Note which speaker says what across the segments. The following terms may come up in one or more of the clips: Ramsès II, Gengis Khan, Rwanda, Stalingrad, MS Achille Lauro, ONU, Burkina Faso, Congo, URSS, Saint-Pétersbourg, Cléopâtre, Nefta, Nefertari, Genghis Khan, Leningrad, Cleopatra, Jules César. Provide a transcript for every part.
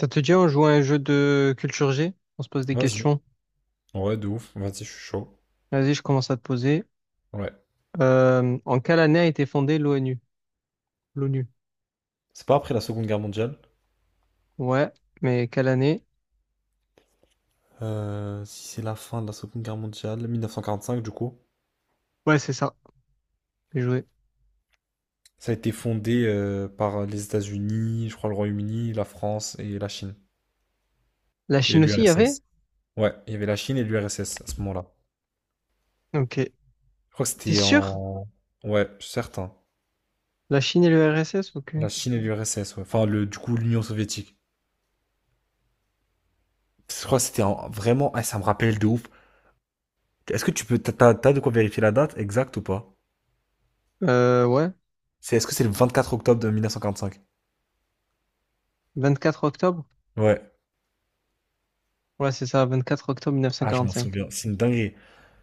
Speaker 1: Ça te dit, on joue à un jeu de culture G? On se pose des
Speaker 2: Vas-y.
Speaker 1: questions.
Speaker 2: Ouais, de ouf. Vas-y, je suis chaud.
Speaker 1: Vas-y, je commence à te poser.
Speaker 2: Ouais.
Speaker 1: En quelle année a été fondée l'ONU? L'ONU.
Speaker 2: C'est pas après la Seconde Guerre mondiale.
Speaker 1: Ouais, mais quelle année?
Speaker 2: Si c'est la fin de la Seconde Guerre mondiale, 1945 du coup.
Speaker 1: Ouais, c'est ça. J'ai joué.
Speaker 2: Ça a été fondé par les États-Unis, je crois le Royaume-Uni, la France et la Chine.
Speaker 1: La
Speaker 2: Et
Speaker 1: Chine aussi, il y avait?
Speaker 2: l'URSS. Ouais, il y avait la Chine et l'URSS à ce moment-là.
Speaker 1: Ok.
Speaker 2: Je crois que
Speaker 1: T'es
Speaker 2: c'était
Speaker 1: sûr?
Speaker 2: en... Ouais, je suis certain.
Speaker 1: La Chine et le RSS, ok.
Speaker 2: La Chine et l'URSS, ouais. Enfin, le, du coup, l'Union soviétique. Je crois que vraiment... Ah, ça me rappelle de ouf. Est-ce que tu peux... T'as de quoi vérifier la date exacte ou pas?
Speaker 1: Ouais.
Speaker 2: C'est, est-ce que c'est le 24 octobre de 1945?
Speaker 1: Quatre octobre?
Speaker 2: Ouais.
Speaker 1: Ouais, c'est ça, vingt-quatre octobre
Speaker 2: Ah, je m'en
Speaker 1: 1945.
Speaker 2: souviens. C'est une dinguerie.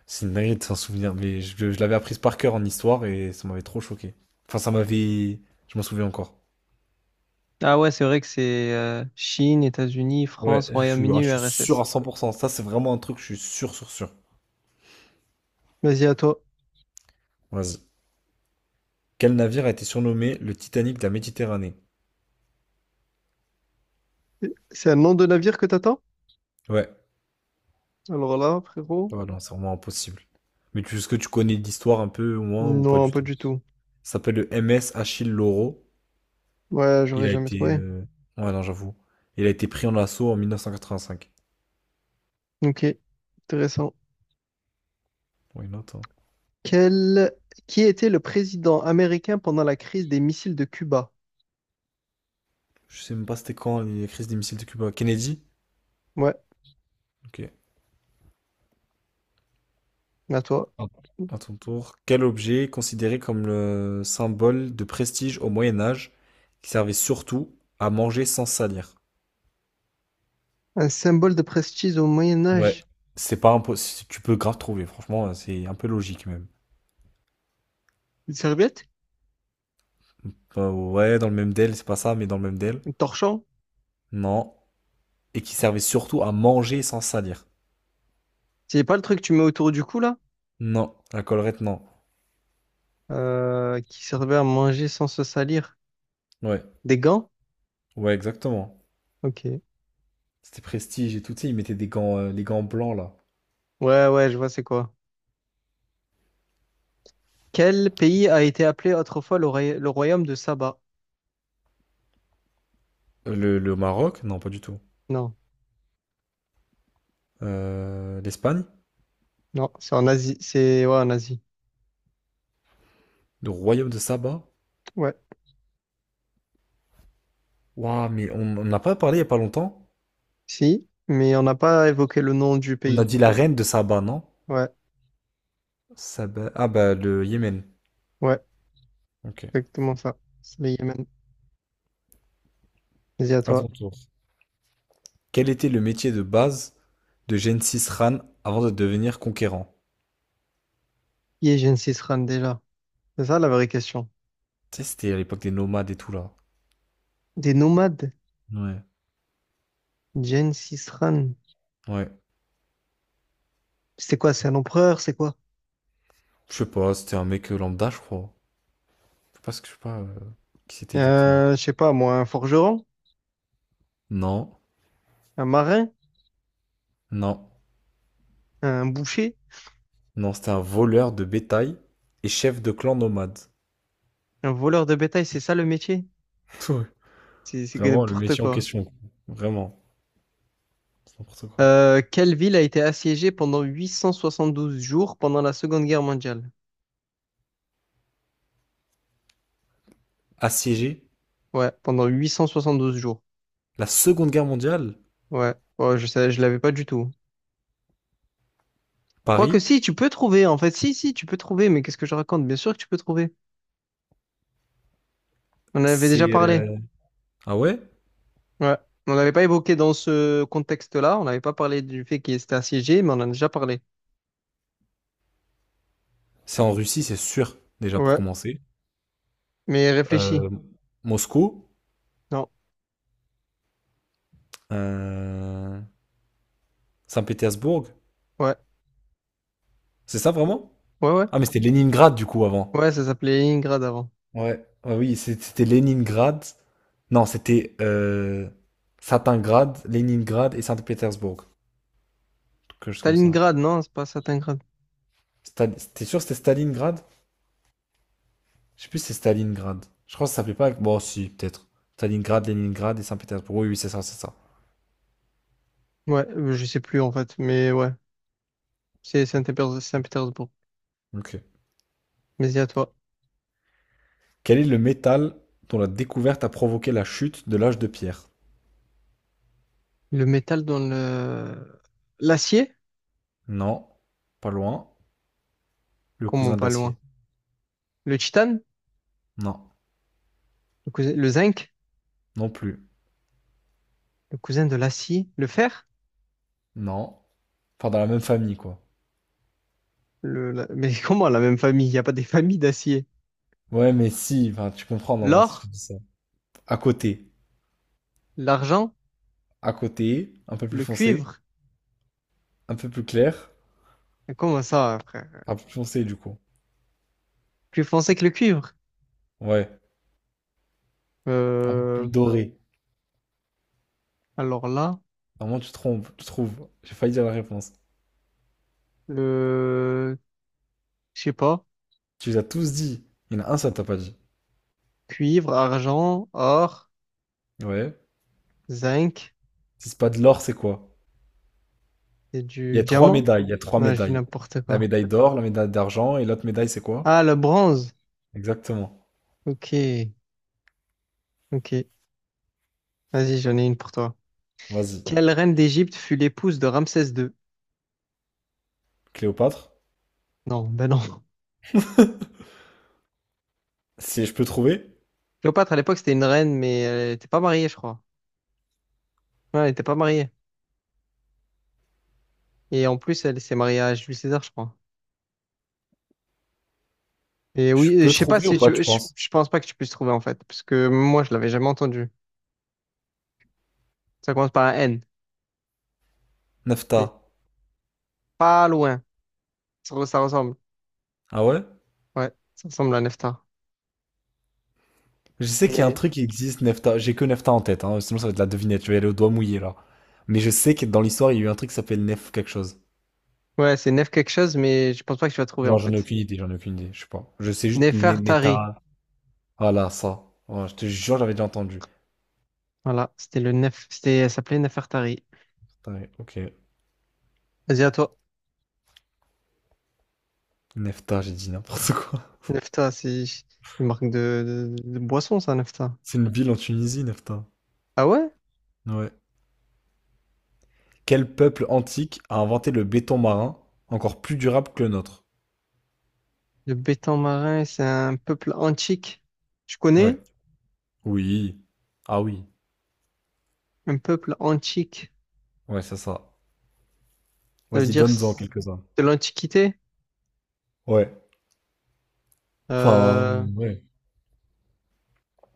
Speaker 2: C'est une dinguerie de s'en souvenir. Mais je l'avais apprise par cœur en histoire et ça m'avait trop choqué. Enfin, ça m'avait. Je m'en souviens encore.
Speaker 1: Ah ouais, c'est vrai que c'est Chine, États-Unis,
Speaker 2: Ouais,
Speaker 1: France,
Speaker 2: je suis,
Speaker 1: Royaume-Uni,
Speaker 2: ah, je suis sûr à
Speaker 1: URSS.
Speaker 2: 100%. Ça, c'est vraiment un truc, je suis sûr, sûr, sûr.
Speaker 1: Vas-y, à toi.
Speaker 2: Vas-y. Quel navire a été surnommé le Titanic de la Méditerranée?
Speaker 1: C'est un nom de navire que t'attends?
Speaker 2: Ouais.
Speaker 1: Alors là, frérot?
Speaker 2: Ouais, non, c'est vraiment impossible. Est-ce que tu connais l'histoire un peu, au moins, ou pas
Speaker 1: Non,
Speaker 2: du
Speaker 1: pas
Speaker 2: tout?
Speaker 1: du tout.
Speaker 2: Ça s'appelle le MS Achille Lauro.
Speaker 1: Ouais,
Speaker 2: Il
Speaker 1: j'aurais
Speaker 2: a
Speaker 1: jamais
Speaker 2: été.
Speaker 1: trouvé.
Speaker 2: Ouais, non, j'avoue. Il a été pris en assaut en 1985.
Speaker 1: Ok, intéressant.
Speaker 2: Ouais, non, attends.
Speaker 1: Quel... Qui était le président américain pendant la crise des missiles de Cuba?
Speaker 2: Je sais même pas c'était quand les crises des missiles de Cuba. Kennedy?
Speaker 1: Ouais,
Speaker 2: Ok.
Speaker 1: à toi.
Speaker 2: Ah, à ton tour. Quel objet est considéré comme le symbole de prestige au Moyen Âge qui servait surtout à manger sans salir?
Speaker 1: Un symbole de prestige au Moyen
Speaker 2: Ouais.
Speaker 1: Âge.
Speaker 2: C'est pas impossible. Tu peux grave trouver. Franchement, c'est un peu logique même.
Speaker 1: Une serviette?
Speaker 2: Enfin, ouais, dans le même DEL, c'est pas ça, mais dans le même DEL.
Speaker 1: Un torchon?
Speaker 2: Non. Et qui servait surtout à manger sans salir.
Speaker 1: C'est pas le truc que tu mets autour du cou là?
Speaker 2: Non. La collerette, non.
Speaker 1: Qui servait à manger sans se salir.
Speaker 2: Ouais.
Speaker 1: Des gants?
Speaker 2: Ouais, exactement.
Speaker 1: Ok.
Speaker 2: C'était prestige et tout. Tu sais, ils mettaient des gants, les gants blancs là.
Speaker 1: Ouais, ouais, je vois c'est quoi. Quel pays a été appelé autrefois le, le royaume de Saba?
Speaker 2: Le Maroc? Non, pas du tout.
Speaker 1: Non,
Speaker 2: L'Espagne,
Speaker 1: non, c'est en Asie. C'est ouais, en Asie.
Speaker 2: le royaume de Saba.
Speaker 1: Ouais.
Speaker 2: Waouh, mais on n'a pas parlé il n'y a pas longtemps.
Speaker 1: Si, mais on n'a pas évoqué le nom du
Speaker 2: On a
Speaker 1: pays.
Speaker 2: dit la reine de Saba, non?
Speaker 1: Ouais,
Speaker 2: Saba... Ah bah le Yémen.
Speaker 1: ouais,
Speaker 2: Ok.
Speaker 1: exactement ça. C'est le Yémen. Vas-y à
Speaker 2: À ton
Speaker 1: toi.
Speaker 2: tour. Quel était le métier de base de Gengis Khan avant de devenir conquérant?
Speaker 1: Qui est Gengis Khan déjà? C'est ça la vraie question.
Speaker 2: Tu sais, c'était à l'époque des nomades et tout là.
Speaker 1: Des nomades?
Speaker 2: Ouais.
Speaker 1: Gengis Khan.
Speaker 2: Ouais.
Speaker 1: C'est quoi? C'est un empereur? C'est quoi?
Speaker 2: Je sais pas, c'était un mec lambda, je crois. Je sais pas ce que je sais pas qui c'était exactement.
Speaker 1: Je sais pas, moi, un forgeron?
Speaker 2: Non,
Speaker 1: Un marin?
Speaker 2: non,
Speaker 1: Un boucher?
Speaker 2: non, c'était un voleur de bétail et chef de clan nomade.
Speaker 1: Un voleur de bétail? C'est ça le métier?
Speaker 2: Ouais.
Speaker 1: C'est que
Speaker 2: Vraiment le
Speaker 1: n'importe
Speaker 2: métier en
Speaker 1: quoi.
Speaker 2: question. Quoi. Vraiment. C'est n'importe quoi.
Speaker 1: Quelle ville a été assiégée pendant 872 jours pendant la Seconde Guerre mondiale?
Speaker 2: Assiégé.
Speaker 1: Ouais, pendant 872 jours.
Speaker 2: La Seconde Guerre mondiale,
Speaker 1: Ouais, ouais, je sais, je l'avais pas du tout. Quoique
Speaker 2: Paris,
Speaker 1: si, tu peux trouver, en fait, si, tu peux trouver, mais qu'est-ce que je raconte? Bien sûr que tu peux trouver. On en avait déjà
Speaker 2: c'est...
Speaker 1: parlé.
Speaker 2: euh, Ah ouais?
Speaker 1: Ouais. On n'avait pas évoqué dans ce contexte-là, on n'avait pas parlé du fait qu'il était assiégé, mais on en a déjà parlé.
Speaker 2: C'est en Russie, c'est sûr, déjà pour
Speaker 1: Ouais.
Speaker 2: commencer.
Speaker 1: Mais réfléchis.
Speaker 2: Euh, Moscou,
Speaker 1: Non.
Speaker 2: euh, Saint-Pétersbourg,
Speaker 1: Ouais.
Speaker 2: c'est ça vraiment?
Speaker 1: Ouais, ouais.
Speaker 2: Ah mais c'était Leningrad du coup avant.
Speaker 1: Ouais, ça s'appelait Leningrad avant.
Speaker 2: Ouais, ouais, oui, c'était Leningrad. Non, c'était Stalingrad, Leningrad et Saint-Pétersbourg. Quelque chose comme ça.
Speaker 1: Stalingrad, non, c'est pas Stalingrad.
Speaker 2: T'es sûr que c'était Stalingrad? Je sais plus si c'est Stalingrad. Je crois que ça s'appelait pas. Bon, si, peut-être. Stalingrad, Leningrad et Saint-Pétersbourg. Oui, oui, c'est ça, c'est ça.
Speaker 1: Ouais, je sais plus en fait, mais ouais. C'est Saint-Pétersbourg. Saint-Pétersbourg.
Speaker 2: Ok.
Speaker 1: Mais dis à toi.
Speaker 2: Quel est le métal dont la découverte a provoqué la chute de l'âge de pierre.
Speaker 1: Le métal dans le... L'acier?
Speaker 2: Non. Pas loin. Le
Speaker 1: Comment
Speaker 2: cousin de
Speaker 1: pas
Speaker 2: l'acier.
Speaker 1: loin? Le titane?
Speaker 2: Non.
Speaker 1: Le zinc?
Speaker 2: Non plus.
Speaker 1: Le cousin de l'acier? Le fer?
Speaker 2: Non. Enfin, dans la même famille, quoi.
Speaker 1: Mais comment la même famille? Il n'y a pas des familles d'acier.
Speaker 2: Ouais, mais si, enfin, tu comprends, non, moi, si je te
Speaker 1: L'or,
Speaker 2: dis ça. À côté.
Speaker 1: l'argent,
Speaker 2: À côté, un peu plus
Speaker 1: le
Speaker 2: foncé,
Speaker 1: cuivre.
Speaker 2: un peu plus clair,
Speaker 1: Mais comment ça, frère?
Speaker 2: un peu plus foncé, du coup.
Speaker 1: Plus foncé que le cuivre.
Speaker 2: Ouais, un peu plus
Speaker 1: Euh,
Speaker 2: doré.
Speaker 1: alors là,
Speaker 2: Normalement, tu te trompes, tu trouves. J'ai failli dire la réponse.
Speaker 1: le, je sais pas,
Speaker 2: Tu les as tous dit. Il y en a un, ça t'a pas dit.
Speaker 1: cuivre, argent, or,
Speaker 2: Ouais.
Speaker 1: zinc
Speaker 2: Si c'est pas de l'or, c'est quoi?
Speaker 1: et
Speaker 2: Il y
Speaker 1: du
Speaker 2: a trois
Speaker 1: diamant.
Speaker 2: médailles. Il y a trois
Speaker 1: Non, je dis
Speaker 2: médailles.
Speaker 1: n'importe
Speaker 2: La
Speaker 1: quoi.
Speaker 2: médaille d'or, la médaille d'argent et l'autre médaille, c'est quoi?
Speaker 1: Ah, le bronze.
Speaker 2: Exactement.
Speaker 1: Ok, ok. Vas-y, j'en ai une pour toi.
Speaker 2: Vas-y.
Speaker 1: Quelle reine d'Égypte fut l'épouse de Ramsès II?
Speaker 2: Cléopâtre.
Speaker 1: Non, ben non.
Speaker 2: Si je peux trouver,
Speaker 1: Cléopâtre, à l'époque, c'était une reine, mais elle n'était pas mariée, je crois. Ouais, elle n'était pas mariée. Et en plus, elle s'est mariée à Jules César, je crois. Et
Speaker 2: je
Speaker 1: oui,
Speaker 2: peux
Speaker 1: je sais pas
Speaker 2: trouver ou
Speaker 1: si
Speaker 2: pas,
Speaker 1: tu...
Speaker 2: tu
Speaker 1: Je,
Speaker 2: penses?
Speaker 1: je pense pas que tu puisses trouver, en fait. Parce que moi, je l'avais jamais entendu. Ça commence par un N. Mais
Speaker 2: Nefta.
Speaker 1: pas loin. Ça, ça ressemble.
Speaker 2: Ah ouais?
Speaker 1: Ouais, ça ressemble à Neftar.
Speaker 2: Je sais qu'il y a un
Speaker 1: Mais...
Speaker 2: truc qui existe, Nefta. J'ai que Nefta en tête, hein. Sinon, ça va être de la devinette. Je vais aller au doigt mouillé, là. Mais je sais que dans l'histoire, il y a eu un truc qui s'appelle Nef quelque chose.
Speaker 1: Ouais, c'est Nef quelque chose, mais je pense pas que tu vas trouver, en
Speaker 2: Genre, j'en ai
Speaker 1: fait.
Speaker 2: aucune idée, j'en ai aucune idée. Je sais pas. Je sais juste
Speaker 1: Nefertari.
Speaker 2: Neta. Voilà, ça. Ouais, je te jure, j'avais déjà entendu.
Speaker 1: Voilà, c'était le Nef... C'était... Elle s'appelait Nefertari.
Speaker 2: Taï OK.
Speaker 1: Vas-y, à toi.
Speaker 2: Nefta, j'ai dit n'importe quoi.
Speaker 1: Nefta, c'est une marque de boisson, ça, Nefta.
Speaker 2: C'est une ville en Tunisie, Nefta?
Speaker 1: Ah ouais?
Speaker 2: Ouais. Quel peuple antique a inventé le béton marin, encore plus durable que le nôtre?
Speaker 1: Le béton marin, c'est un peuple antique. Je
Speaker 2: Ouais.
Speaker 1: connais
Speaker 2: Oui. Ah oui.
Speaker 1: un peuple antique.
Speaker 2: Ouais, c'est ça.
Speaker 1: Ça veut
Speaker 2: Vas-y,
Speaker 1: dire
Speaker 2: donne-en quelques-uns.
Speaker 1: de l'Antiquité?
Speaker 2: Ouais.
Speaker 1: Euh,
Speaker 2: Enfin, ouais.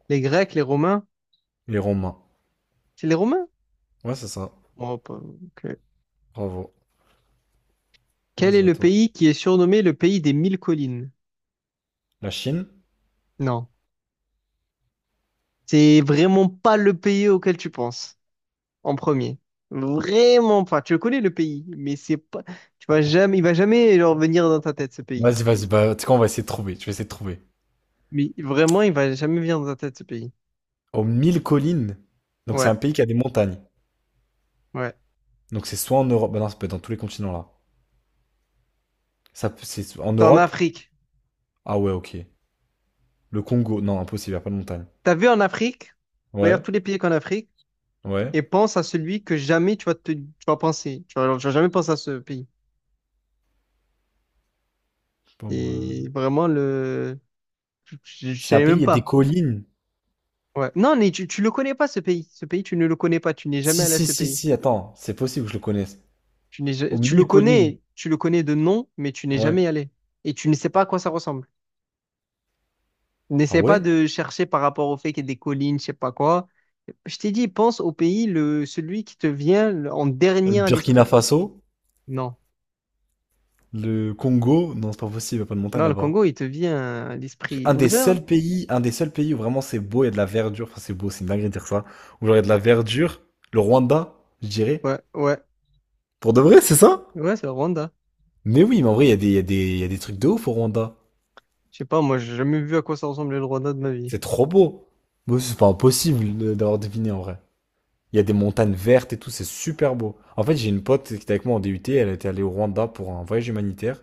Speaker 1: les Grecs, les Romains?
Speaker 2: Les Romains.
Speaker 1: C'est les Romains?
Speaker 2: Ouais, c'est ça.
Speaker 1: Bon, ok.
Speaker 2: Bravo.
Speaker 1: Quel est
Speaker 2: Vas-y, à
Speaker 1: le
Speaker 2: toi.
Speaker 1: pays qui est surnommé le pays des mille collines?
Speaker 2: La Chine?
Speaker 1: Non. C'est vraiment pas le pays auquel tu penses en premier. Vraiment pas. Tu le connais le pays, mais c'est pas. Tu vas jamais, il va jamais genre, venir dans ta tête ce pays.
Speaker 2: Vas-y, vas-y. Bah, tu sais quoi, on va essayer de trouver. Je vais essayer de trouver.
Speaker 1: Mais vraiment, il va jamais venir dans ta tête ce pays.
Speaker 2: Aux mille collines. Donc, c'est
Speaker 1: Ouais,
Speaker 2: un pays qui a des montagnes.
Speaker 1: ouais.
Speaker 2: Donc, c'est soit en Europe. Bah, non, ça peut être dans tous les continents là. C'est en
Speaker 1: T'es en
Speaker 2: Europe?
Speaker 1: Afrique.
Speaker 2: Ah ouais, ok. Le Congo. Non, impossible, il n'y a pas de montagne.
Speaker 1: T'as vu en Afrique? Regarde
Speaker 2: Ouais,
Speaker 1: tous les pays qu'en Afrique.
Speaker 2: ouais.
Speaker 1: Et pense à celui que jamais tu vas penser. Tu vas jamais penser à ce pays.
Speaker 2: Je sais pas, moi.
Speaker 1: Et vraiment, le, je je
Speaker 2: C'est un
Speaker 1: savais
Speaker 2: pays, il
Speaker 1: même
Speaker 2: y a des
Speaker 1: pas.
Speaker 2: collines.
Speaker 1: Ouais. Non, mais tu le connais pas, ce pays. Ce pays, tu ne le connais pas. Tu n'es jamais
Speaker 2: Si,
Speaker 1: allé à
Speaker 2: si,
Speaker 1: ce
Speaker 2: si,
Speaker 1: pays.
Speaker 2: si, attends, c'est possible que je le connaisse.
Speaker 1: Tu n'es,
Speaker 2: Au milieu collines.
Speaker 1: tu le connais de nom, mais tu n'es
Speaker 2: Ouais.
Speaker 1: jamais allé. Et tu ne sais pas à quoi ça ressemble.
Speaker 2: Ah
Speaker 1: N'essaie pas
Speaker 2: ouais?
Speaker 1: de chercher par rapport au fait qu'il y ait des collines, je sais pas quoi. Je t'ai dit, pense au pays, le, celui qui te vient en
Speaker 2: Le
Speaker 1: dernier à
Speaker 2: Burkina
Speaker 1: l'esprit.
Speaker 2: Faso,
Speaker 1: Non.
Speaker 2: le Congo, non, c'est pas possible, il n'y a pas de montagne
Speaker 1: Non, le
Speaker 2: là-bas.
Speaker 1: Congo, il te vient à l'esprit.
Speaker 2: Un des
Speaker 1: L'hiver, hein?
Speaker 2: seuls pays, un des seuls pays où vraiment c'est beau, il y a de la verdure. Enfin, c'est beau, c'est une dinguerie de dire ça. Où genre il y a de la verdure, le Rwanda, je dirais.
Speaker 1: Ouais, ouais.
Speaker 2: Pour de vrai, c'est ça?
Speaker 1: Ouais, c'est le Rwanda.
Speaker 2: Mais oui, mais en vrai, il y a des, il y a des, il y a des trucs de ouf au Rwanda.
Speaker 1: Je sais pas, moi, j'ai jamais vu à quoi ça ressemblait le Rwanda de ma vie.
Speaker 2: C'est trop beau. Mais c'est pas impossible d'avoir deviné en vrai. Il y a des montagnes vertes et tout, c'est super beau. En fait, j'ai une pote qui était avec moi en DUT, elle était allée au Rwanda pour un voyage humanitaire.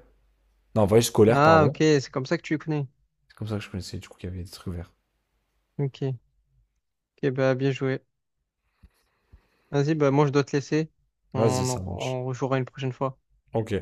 Speaker 2: Non, un voyage scolaire,
Speaker 1: Ah, ok,
Speaker 2: pardon.
Speaker 1: c'est comme ça que tu connais.
Speaker 2: C'est comme ça que je connaissais, du coup, qu'il y avait des trucs verts.
Speaker 1: Ok, ok, bah, bien joué. Vas-y, bah, moi, je dois te laisser.
Speaker 2: Vas-y,
Speaker 1: On,
Speaker 2: ça
Speaker 1: on,
Speaker 2: marche.
Speaker 1: on rejouera une prochaine fois.
Speaker 2: Ok.